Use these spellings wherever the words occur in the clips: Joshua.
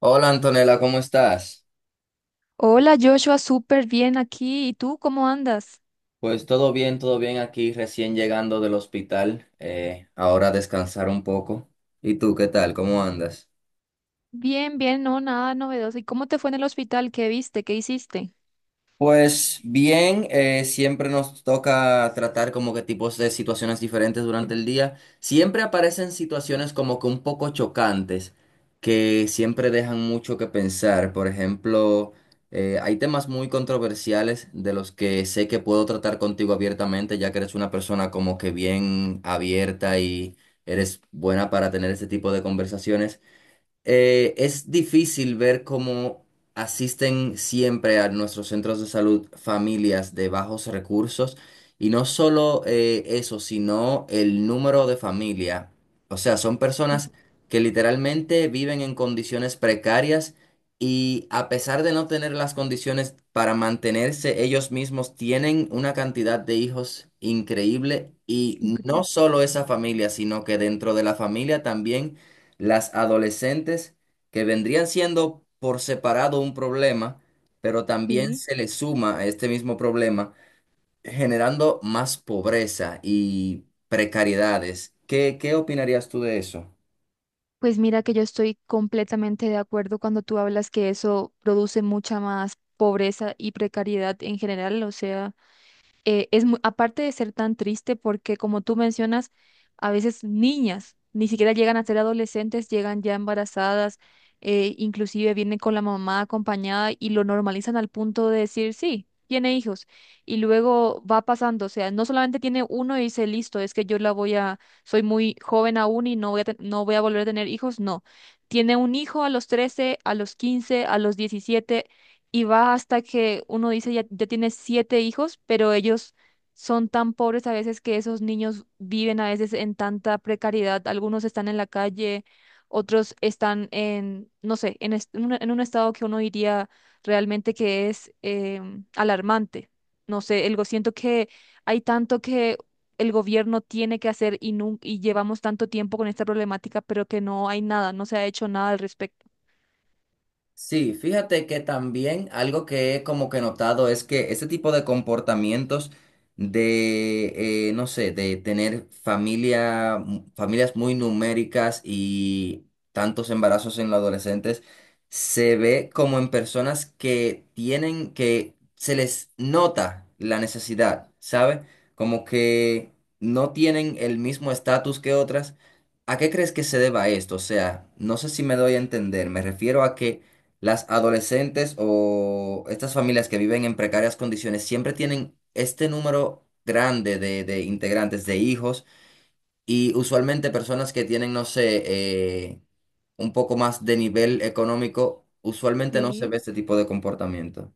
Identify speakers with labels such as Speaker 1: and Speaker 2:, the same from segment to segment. Speaker 1: Hola Antonella, ¿cómo estás?
Speaker 2: Hola Joshua, súper bien aquí. ¿Y tú cómo andas?
Speaker 1: Pues todo bien aquí, recién llegando del hospital, ahora a descansar un poco. ¿Y tú qué tal? ¿Cómo andas?
Speaker 2: Bien, no, nada novedoso. ¿Y cómo te fue en el hospital? ¿Qué viste? ¿Qué hiciste?
Speaker 1: Pues bien, siempre nos toca tratar como que tipos de situaciones diferentes durante el día. Siempre aparecen situaciones como que un poco chocantes, que siempre dejan mucho que pensar. Por ejemplo, hay temas muy controversiales de los que sé que puedo tratar contigo abiertamente, ya que eres una persona como que bien abierta y eres buena para tener ese tipo de conversaciones. Es difícil ver cómo asisten siempre a nuestros centros de salud familias de bajos recursos y no solo eso, sino el número de familia. O sea, son
Speaker 2: Sí,
Speaker 1: personas que literalmente viven en condiciones precarias y a pesar de no tener las condiciones para mantenerse ellos mismos, tienen una cantidad de hijos increíble y no
Speaker 2: increíble.
Speaker 1: solo esa familia, sino que dentro de la familia también las adolescentes que vendrían siendo por separado un problema, pero también
Speaker 2: Sí.
Speaker 1: se le suma a este mismo problema, generando más pobreza y precariedades. ¿Qué opinarías tú de eso?
Speaker 2: Pues mira que yo estoy completamente de acuerdo cuando tú hablas que eso produce mucha más pobreza y precariedad en general. O sea, es aparte de ser tan triste, porque como tú mencionas, a veces niñas ni siquiera llegan a ser adolescentes, llegan ya embarazadas, inclusive vienen con la mamá acompañada y lo normalizan al punto de decir, sí, tiene hijos. Y luego va pasando, o sea, no solamente tiene uno y dice, listo, es que yo la voy a, soy muy joven aún y no voy a, no voy a volver a tener hijos, no. Tiene un hijo a los 13, a los 15, a los 17, y va hasta que uno dice ya, ya tiene siete hijos, pero ellos son tan pobres a veces que esos niños viven a veces en tanta precariedad. Algunos están en la calle, otros están en, no sé, en un estado que uno diría realmente que es alarmante. No sé, siento que hay tanto que el gobierno tiene que hacer y, y llevamos tanto tiempo con esta problemática, pero que no hay nada, no se ha hecho nada al respecto.
Speaker 1: Sí, fíjate que también algo que he como que notado es que ese tipo de comportamientos de, no sé, de tener familia, familias muy numéricas y tantos embarazos en los adolescentes, se ve como en personas que tienen, que se les nota la necesidad, ¿sabe? Como que no tienen el mismo estatus que otras. ¿A qué crees que se deba esto? O sea, no sé si me doy a entender, me refiero a que las adolescentes o estas familias que viven en precarias condiciones siempre tienen este número grande de integrantes, de hijos, y usualmente personas que tienen, no sé, eh, un poco más de nivel económico, usualmente no se ve este tipo de comportamiento.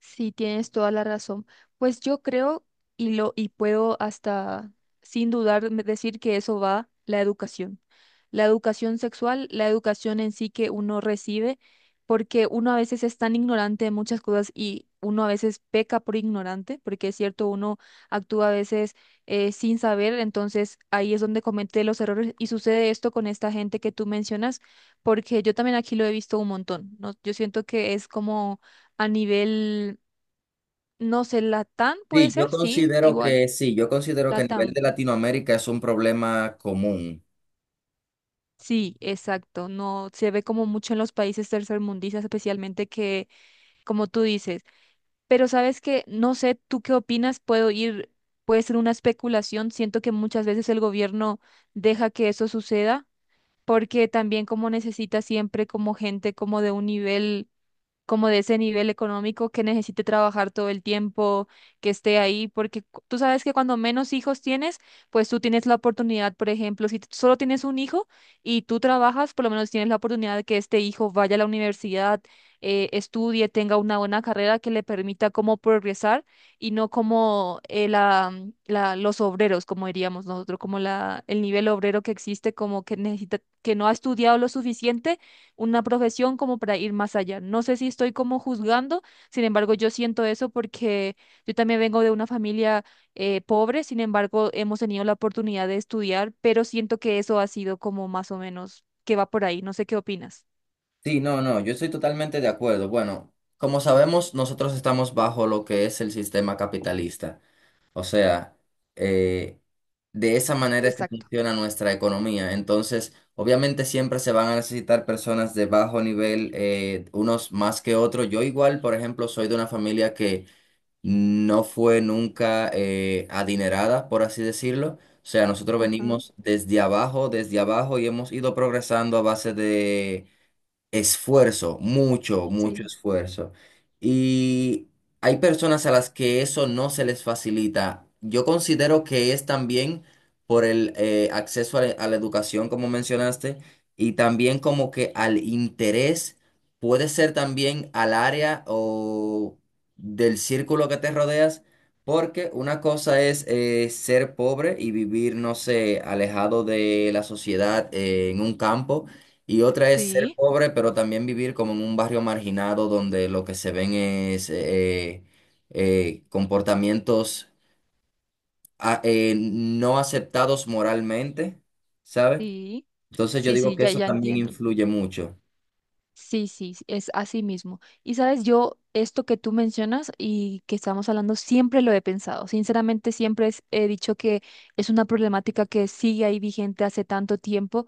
Speaker 2: Sí, tienes toda la razón. Pues yo creo y puedo hasta sin dudar decir que eso va la educación. La educación sexual, la educación en sí que uno recibe, porque uno a veces es tan ignorante de muchas cosas y uno a veces peca por ignorante, porque es cierto, uno actúa a veces sin saber, entonces ahí es donde comete los errores y sucede esto con esta gente que tú mencionas, porque yo también aquí lo he visto un montón, ¿no? Yo siento que es como a nivel no sé, Latam puede
Speaker 1: Sí,
Speaker 2: ser,
Speaker 1: yo
Speaker 2: sí,
Speaker 1: considero
Speaker 2: igual,
Speaker 1: que sí, yo considero que a nivel
Speaker 2: Latam.
Speaker 1: de Latinoamérica es un problema común.
Speaker 2: Sí, exacto. No se ve como mucho en los países tercermundistas, especialmente que, como tú dices. Pero sabes que, no sé, ¿tú qué opinas? Puedo ir, puede ser una especulación. Siento que muchas veces el gobierno deja que eso suceda, porque también como necesita siempre como gente como de un nivel como de ese nivel económico que necesite trabajar todo el tiempo, que esté ahí, porque tú sabes que cuando menos hijos tienes, pues tú tienes la oportunidad, por ejemplo, si solo tienes un hijo y tú trabajas, por lo menos tienes la oportunidad de que este hijo vaya a la universidad, estudie, tenga una buena carrera que le permita como progresar y no como los obreros, como diríamos nosotros, como la, el nivel obrero que existe, como que necesita, que no ha estudiado lo suficiente una profesión como para ir más allá. No sé si estoy como juzgando, sin embargo, yo siento eso porque yo también vengo de una familia pobre, sin embargo, hemos tenido la oportunidad de estudiar, pero siento que eso ha sido como más o menos que va por ahí. No sé qué opinas.
Speaker 1: Sí, no, no, yo estoy totalmente de acuerdo. Bueno, como sabemos, nosotros estamos bajo lo que es el sistema capitalista. O sea, eh, de esa manera es que
Speaker 2: Exacto.
Speaker 1: funciona nuestra economía. Entonces, obviamente siempre se van a necesitar personas de bajo nivel, unos más que otros. Yo igual, por ejemplo, soy de una familia que no fue nunca adinerada, por así decirlo. O sea, nosotros
Speaker 2: Ajá,
Speaker 1: venimos desde abajo y hemos ido progresando a base de esfuerzo, mucho, mucho
Speaker 2: sí,
Speaker 1: esfuerzo. Y hay personas a las que eso no se les facilita. Yo considero que es también por el acceso a la educación, como mencionaste, y también como que al interés, puede ser también al área o del círculo que te rodeas, porque una cosa es ser pobre y vivir, no sé, alejado de la sociedad en un campo. Y otra es ser
Speaker 2: sí,
Speaker 1: pobre, pero también vivir como en un barrio marginado donde lo que se ven es comportamientos no aceptados moralmente, ¿sabes?
Speaker 2: sí,
Speaker 1: Entonces yo
Speaker 2: sí,
Speaker 1: digo
Speaker 2: sí,
Speaker 1: que
Speaker 2: ya,
Speaker 1: eso
Speaker 2: ya
Speaker 1: también
Speaker 2: entiendo.
Speaker 1: influye mucho.
Speaker 2: Sí, es así mismo. Y sabes, yo esto que tú mencionas y que estamos hablando, siempre lo he pensado. Sinceramente, siempre he dicho que es una problemática que sigue ahí vigente hace tanto tiempo.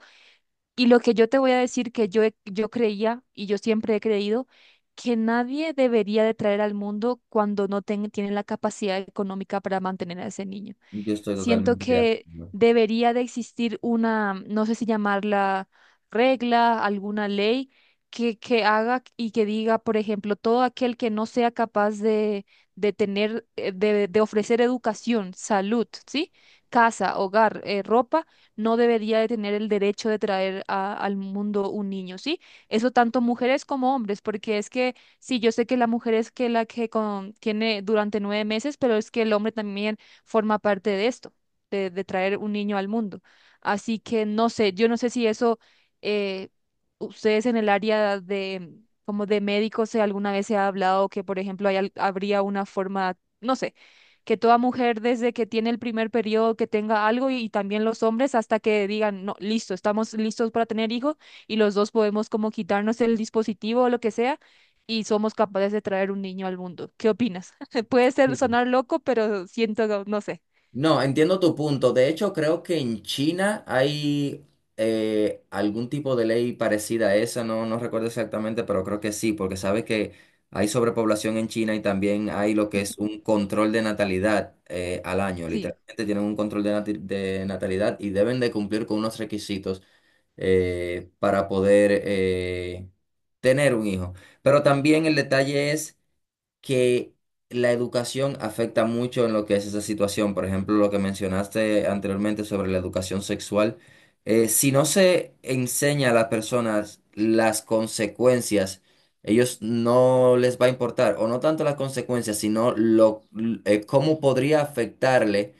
Speaker 2: Y lo que yo te voy a decir que yo, yo creía y yo siempre he creído que nadie debería de traer al mundo cuando no tiene la capacidad económica para mantener a ese niño.
Speaker 1: Yo estoy
Speaker 2: Siento
Speaker 1: totalmente de
Speaker 2: que
Speaker 1: acuerdo.
Speaker 2: debería de existir una, no sé si llamarla regla, alguna ley que haga y que diga, por ejemplo, todo aquel que no sea capaz de tener, de ofrecer educación, salud, ¿sí? Casa, hogar, ropa, no debería de tener el derecho de traer al mundo un niño, ¿sí? Eso tanto mujeres como hombres, porque es que... Sí, yo sé que la mujer es que la que tiene durante 9 meses, pero es que el hombre también forma parte de esto, de traer un niño al mundo. Así que no sé, yo no sé si eso, eh, ustedes en el área de, como de médicos, si alguna vez se ha hablado que, por ejemplo, hay habría una forma, no sé, que toda mujer desde que tiene el primer periodo que tenga algo y también los hombres hasta que digan, no, listo, estamos listos para tener hijos y los dos podemos como quitarnos el dispositivo o lo que sea y somos capaces de traer un niño al mundo. ¿Qué opinas? Puede ser
Speaker 1: Sí.
Speaker 2: sonar loco, pero siento, no sé.
Speaker 1: No, entiendo tu punto. De hecho, creo que en China hay algún tipo de ley parecida a esa, no, no recuerdo exactamente, pero creo que sí, porque sabes que hay sobrepoblación en China y también hay lo que
Speaker 2: Sí,
Speaker 1: es un control de natalidad al año.
Speaker 2: sí.
Speaker 1: Literalmente tienen un control de, de natalidad y deben de cumplir con unos requisitos para poder tener un hijo. Pero también el detalle es que la educación afecta mucho en lo que es esa situación. Por ejemplo, lo que mencionaste anteriormente sobre la educación sexual. Si no se enseña a las personas las consecuencias, ellos no les va a importar, o no tanto las consecuencias, sino lo, cómo podría afectarle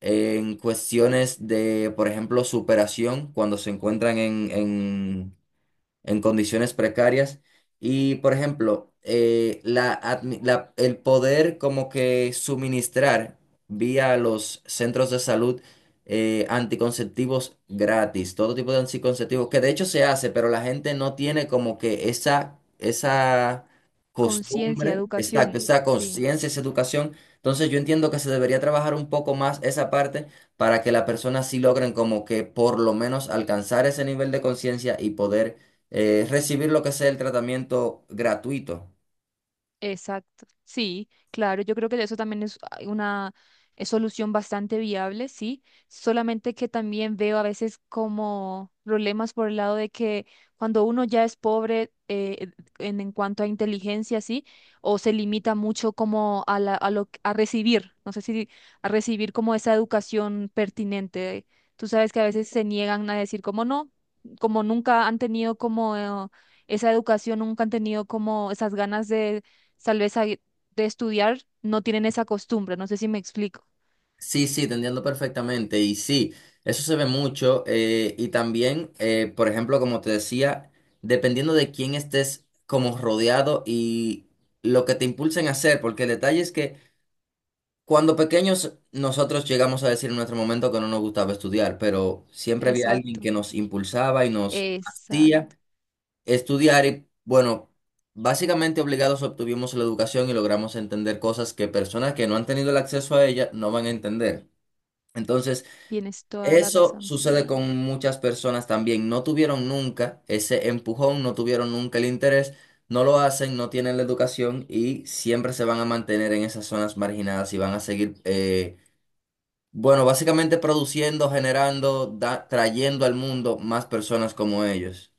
Speaker 1: en cuestiones de, por ejemplo, superación cuando se encuentran en condiciones precarias. Y, por ejemplo, la, el poder como que suministrar vía los centros de salud anticonceptivos gratis, todo tipo de anticonceptivos, que de hecho se hace, pero la gente no tiene como que esa
Speaker 2: Conciencia,
Speaker 1: costumbre, exacto,
Speaker 2: educación,
Speaker 1: esa
Speaker 2: sí.
Speaker 1: conciencia, esa educación. Entonces yo entiendo que se debería trabajar un poco más esa parte para que las personas sí logren como que por lo menos alcanzar ese nivel de conciencia y poder recibir lo que sea el tratamiento gratuito.
Speaker 2: Exacto, sí, claro, yo creo que eso también es ah, una solución bastante viable, sí, solamente que también veo a veces como problemas por el lado de que cuando uno ya es pobre en cuanto a inteligencia, sí, o se limita mucho como a la, a lo, a recibir, no sé si a recibir como esa educación pertinente. Tú sabes que a veces se niegan a decir como no, como nunca han tenido como... esa educación, nunca han tenido como esas ganas de tal vez ahí de estudiar, no tienen esa costumbre, no sé si me explico.
Speaker 1: Sí, sí, te entiendo perfectamente. Y sí, eso se ve mucho. Y también, por ejemplo, como te decía, dependiendo de quién estés como rodeado y lo que te impulsen a hacer, porque el detalle es que cuando pequeños nosotros llegamos a decir en nuestro momento que no nos gustaba estudiar, pero siempre había alguien
Speaker 2: Exacto,
Speaker 1: que nos impulsaba y nos hacía
Speaker 2: Exacto,
Speaker 1: estudiar y, bueno, básicamente obligados obtuvimos la educación y logramos entender cosas que personas que no han tenido el acceso a ella no van a entender. Entonces,
Speaker 2: tienes toda la
Speaker 1: eso
Speaker 2: razón, sí.
Speaker 1: sucede con muchas personas también. No tuvieron nunca ese empujón, no tuvieron nunca el interés, no lo hacen, no tienen la educación y siempre se van a mantener en esas zonas marginadas y van a seguir, bueno, básicamente produciendo, generando, trayendo al mundo más personas como ellos.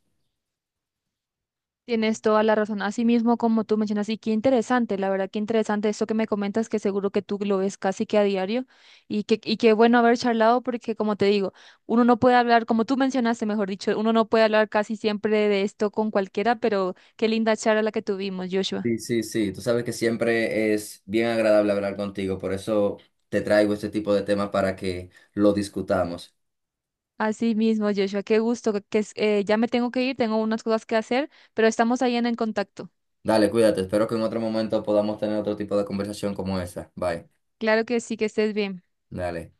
Speaker 2: Tienes toda la razón. Así mismo como tú mencionas, y qué interesante, la verdad, qué interesante esto que me comentas, que seguro que tú lo ves casi que a diario, y que, y qué bueno haber charlado, porque como te digo, uno no puede hablar, como tú mencionaste, mejor dicho, uno no puede hablar casi siempre de esto con cualquiera, pero qué linda charla la que tuvimos, Joshua.
Speaker 1: Sí, sí, sí, tú sabes que siempre es bien agradable hablar contigo, por eso te traigo este tipo de temas para que lo discutamos.
Speaker 2: Así mismo, Joshua, qué gusto, ya me tengo que ir, tengo unas cosas que hacer, pero estamos ahí en el contacto.
Speaker 1: Dale, cuídate, espero que en otro momento podamos tener otro tipo de conversación como esa. Bye,
Speaker 2: Claro que sí, que estés bien.
Speaker 1: dale.